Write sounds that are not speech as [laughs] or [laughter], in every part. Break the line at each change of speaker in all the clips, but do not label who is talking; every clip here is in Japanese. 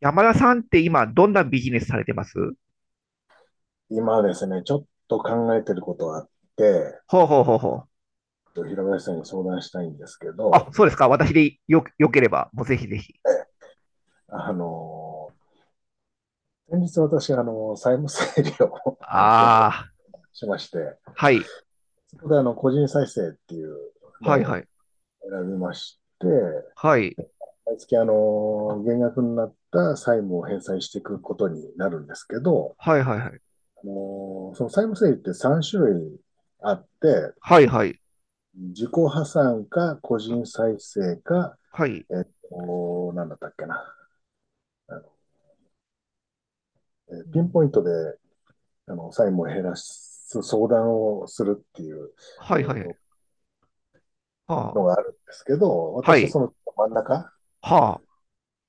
山田さんって今、どんなビジネスされてます
今ですね、ちょっと考えてることがあって、
ほうほうほうほう。
平林さんに相談したいんですけ
あ、
ど、
そうですか。私でよければ、もうぜひぜひ。
あの、先日私、債務整理を [laughs] を
ああ、
しまして、
はい。
そこで個人再生っていうの
はいは
を
い。
選びまして、
はい。
毎月減額になった債務を返済していくことになるんですけど、
はいはいはい。
その債務整理って3種類あって、
はいはい。
自己破産か個
は
人再生か
はい。
なんだったっけな。あの、
う
ピンポ
ん
イントで、債務を減らす相談をするっていう、
はい
えっ
はい。
と、の
は
があ
あ。
るんですけど、
は
私は
い。
その真ん中
は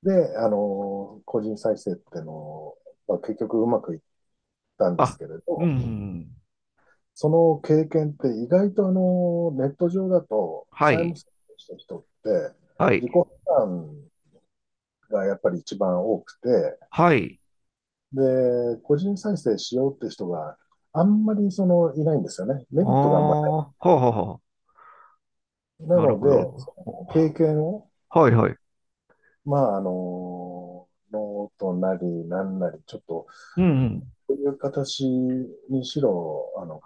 で、個人再生っていうのを、まあ、結局うまくいったん
あ。
です
あ。
けれ
う
ど、
ん。
その経験って意外とネット上だと、
は
債務
い。
整理した人って、
はい。
自己負担がやっぱり一番多くて、
はい。
で、個人再生しようって人があんまりそのいないんですよね。
あ
メリットがあんまり
あ。はあはあはあ。
ない。な
なる
の
ほ
で、
ど。
その経験を、
はいはい。
まあ、ノートなりなんなり、ちょっと、
うん。
こういう形にしろ、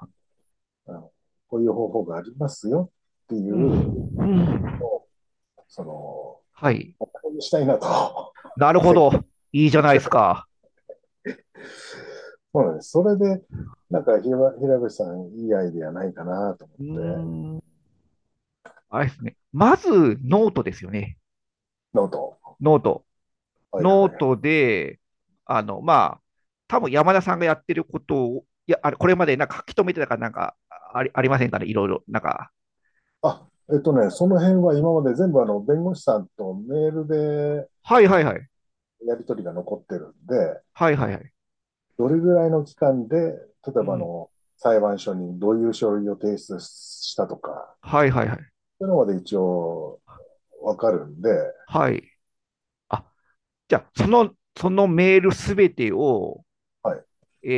あのこういう方法がありますよっていう
うん。
の
うん。
を、その、
はい。
したいなと。
なる
[laughs]
ほ
せっか
ど。
く
いいじゃ
せっ
ないで
か
す
く
か。
そうなんです。それで、なんか平、ひら平口さん、いいアイディアないかなと思っ
うー
て、
ん。あれですね。まず、ノートですよね。
ノート。
ノート。
はい
ノ
は
ー
い。
トで、まあ、多分山田さんがやってることを、いや、あれ、これまでなんか書き留めてたからなんかありませんかね、いろいろ。なんか、
あ、えっとね、その辺は今まで全部あの弁護士さんとメールで
はいはいはい。
やり取りが残ってるんで、
はいはいはい。
どれぐらいの期間で、例え
う
ばあ
ん。
の裁判所にどういう書類を提出したとか、
はいはいはい。
そういうのまで一応わかるんで、
はい。あ、じゃあ、そのメールすべてを、
はい。
え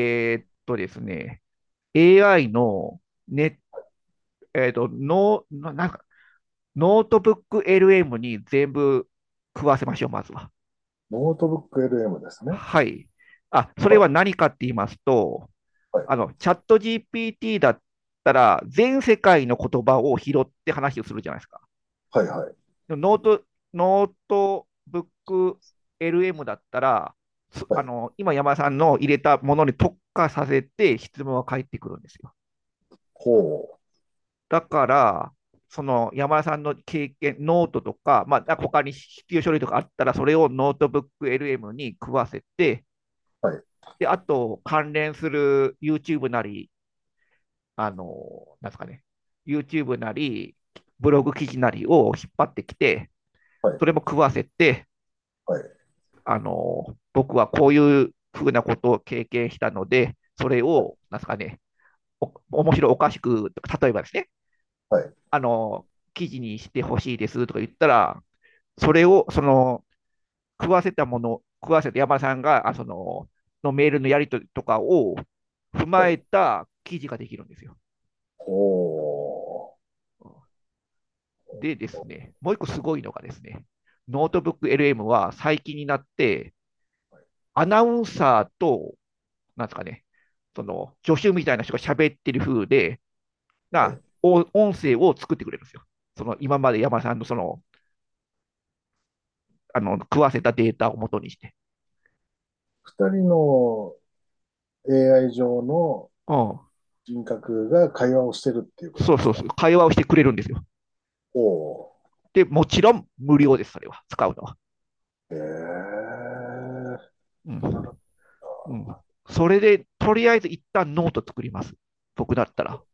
ーっとですね、AI のねえーっと、ノー、ななんか、ノートブック LM に全部食わせましょう、まずは。
ノートブック LM ですね。
はい。あ、そ
は
れ
い、
は何かって言いますと、
はい、
チャット GPT だったら、全世界の言葉を拾って話をするじゃないですか。
はい、はい、
でもノート、ノートブック LM だったら、す
は
あ
い。
の、今山田さんの入れたものに特化させて質問は返ってくるんですよ。
ほ
だから、その山田さんの経験、ノートとか、まあ、他に必要書類とかあったら、それをノートブック LM に食わせて、
う、はい、
で、あと、関連する YouTube なり、あの、なんですかね、YouTube なり、ブログ記事なりを引っ張ってきて、
はい、
それも食わせて、
はい、
僕はこういうふうなことを経験したので、それ
はい、
を、なんですかね、お面白おかしく、例えばですね、
はい、
あの、記事にしてほしいですとか言ったら、それを、食わせたもの、食わせた山田さんが、のメールのやり取りとかを踏
は
ま
い、
えた記事ができるんですよ。
ほ
でです
う。
ね、もう一個すごいのがですね、ノートブック LM は最近になって、
はい、
アナウンサーと、なんですかね、その助手みたいな人が喋ってる風で、
はい、は
な
い。
音声を作ってくれるんですよ。その今まで山田さんのそのあの食わせたデータを元にして、
二人の AI 上の
うん。
人格が会話をしてるっていうこと
そう
で
そ
す
う
か？
そう、会話をしてくれるんですよ。
おお。
で、もちろん無料です、それは、使うのは。
ええ、
う
知らな
ん。
かっ
う
た。
ん、それで、とりあえず一旦ノート作ります。僕だったら。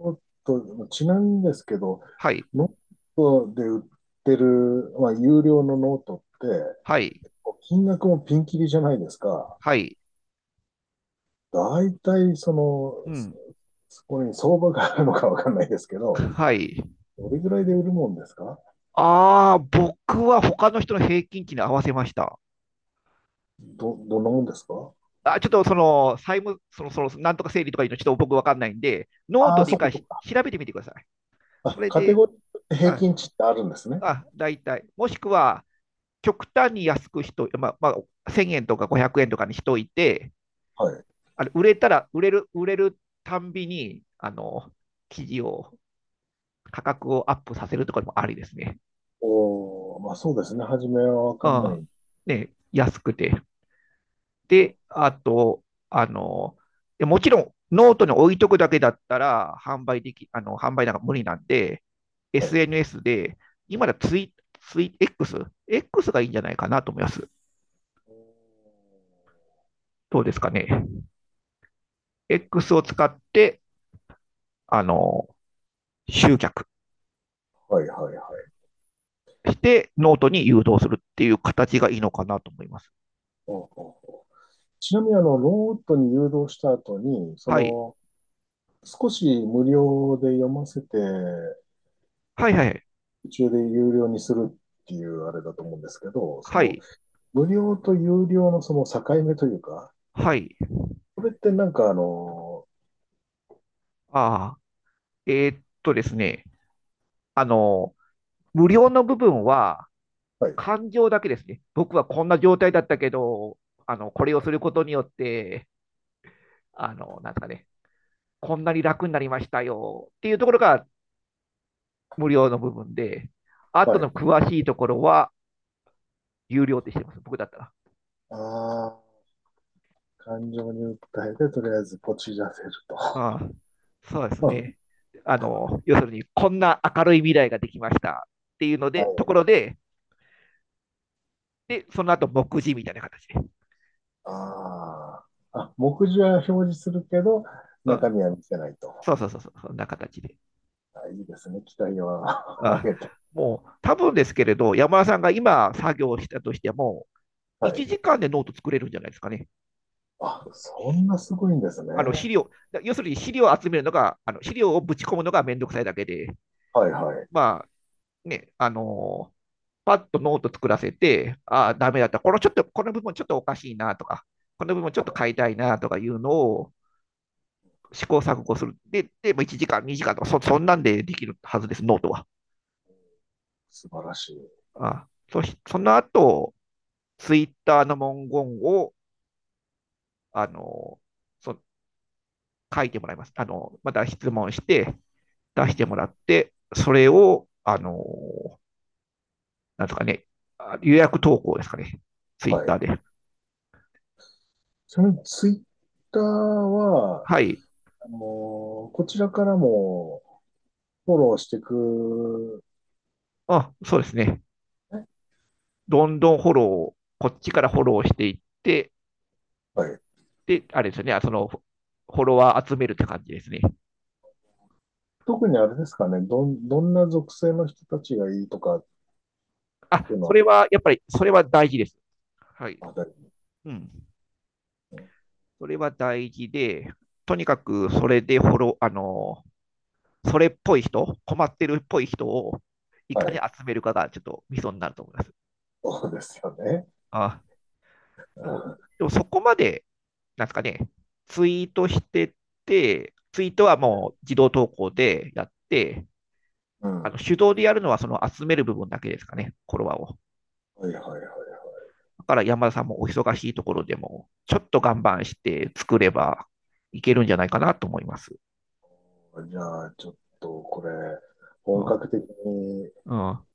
もっと、ちなみにですけど、
はい、
ノートで売ってる、まあ、有料のノートっ
は
て、
い、
金額もピンキリじゃないですか。
はい。
大体、その、
うん。
そこに相場があるのかわかんないですけど、
はい。
どれぐらいで売るもんですか？
ああ、僕は他の人の平均値に合わせました。
どんなもんですか？
あ、ちょっとその、債務、その、その、なんとか整理とかいうの、ちょっと僕わかんないんで、ノー
あ
ト
あ、
で一
そっか
回
そ
し
っか。
調べてみてください。そ
あ、
れ
カテ
で、
ゴリー平
あ、
均値ってあるんですね。
あ、大体。もしくは、極端に安く人、まあ、1000円とか500円とかにしといて、
はい。
あれ、売れたら、売れる、売れるたんびに、あの、記事を、価格をアップさせるとかでもありですね。
おお、まあそうですね。初めはわ
う
かんな
ん。
い。
ね、安くて。で、あと、あの、もちろんノートに置いとくだけだったら販売でき、あの、販売なんか無理なんで、
はい。
SNS で、今だツイ、ツイ、X、X がいいんじゃないかなと思います。どうですかね。X を使って、あの、集客
はいはいはい。
してノートに誘導するっていう形がいいのかなと思います。
おうおうおう、ちなみにロートに誘導した後に、そ
はい。
の、少し無料で読ませて、
はいはい。
途中で有料にするっていうあれだと思うんですけど、そ
は
の、
い。
無料と有料のその境目というか、
はい。
これってなんか、
ああ。ですね。あの、無料の部分は、
はい、
感情だけですね。僕はこんな状態だったけど、これをすることによって、あの、なんですかね、こんなに楽になりましたよっていうところが無料の部分で、あと
は
の
い。
詳しいところは有料ってしてます、僕だったら。
ああ、感情に訴えて、とりあえずポチらせる
ああそうです
と。
ね。あの、要するに、こんな明るい未来ができましたっていうので、と
[laughs]
ころで、で、その後、目次みたいな形で。
ああ。あ、目次は表示するけど、
う
中
ん。
身は見せないと。
そうそうそうそう、そんな形で。
あ、いいですね。期待は
あ
[laughs]
あ
上げて。
もう、多分ですけれど、山田さんが今作業したとしても、
はい。
1時間でノート作れるんじゃないですかね。
あ、そんなすごいんですね。
あの資料、要するに資料を集めるのが、あの資料をぶち込むのがめんどくさいだけで、
はいはい。
まあね、パッとノート作らせて、ああ、ダメだった、このちょっと、この部分ちょっとおかしいなとか、この部分ちょっと変えたいなとかいうのを試行錯誤する。で、でも1時間、2時間とかそ、そんなんでできるはずです、ノートは。
素晴らしい。
あそしその後、ツイッターの文言を、あのー書いてもらいます。あのまた質問して、
うんう
出しても
ん、
らって、それを、なんとかね、予約投稿ですかね。ツイッ
は
ター
い。
で。
ちなみにツイッターは、
はい。
あのーこちらからもフォローしていく、
あ、そうですね。
ね。
どんどんフォロー、こっちからフォローしていって、
はい。
で、あれですよね。ォロワー集めるって感じですね。
特にあれですかね。どんな属性の人たちがいいとかって
あ、
いうの
そ
は、
れは、やっぱり、それは大事です。はい。
あ、
うん。それは大事で、とにかく、それでフォロー、あのー、それっぽい人、困ってるっぽい人を、い
は
かに
い。
集めるかが、ちょっとミソになると思います。
そうですよね。
あ、でもでもそこまで、なんですかね、ツイートしてツイートはもう自動投稿でやって、
うん。
あの
は
手動でやるのはその集める部分だけですかね、フォロワーを。
いはいはいはい。
だから山田さんもお忙しいところでも、ちょっと頑張して作ればいけるんじゃないかなと思います。
じゃあ、ちょっとこれ、
う
本
ん。
格的に
うん。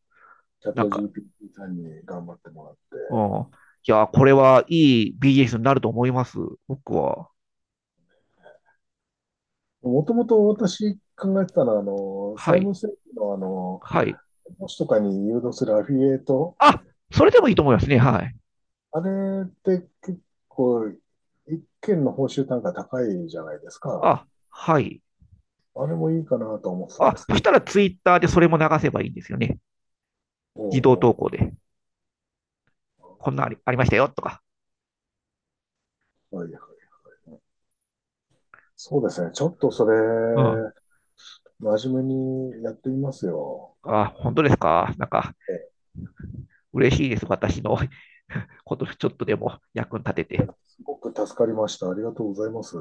チャッ
なん
ト
か、
GPT さんに頑張ってもらって、
うん。いや、これはいいビージネスになると思います。僕は。
もともと私考えてたのは、
は
債
い。
務整理の、
はい。
投資とかに誘導するアフィリエイト、
あ、それでもいいと思いますね。はい。
あれって結構、一件の報酬単価高いじゃないですか。
あ、はい。
あれもいいかなと思ってたんで
あ、
す
そ
け
し
ど。
たらツイッターでそれも流せばいいんですよね。
お
自動投
う
稿で。
お
こんなありありましたよとか。
う、はいはい。そうですね。ちょっとそれ、
うん。
真面目にやってみますよ。
あ、本当ですか。なんか、
え、
嬉しいです。私の [laughs] ことちょっとでも役に立て
いや
て。
すごく助かりました。ありがとうございます。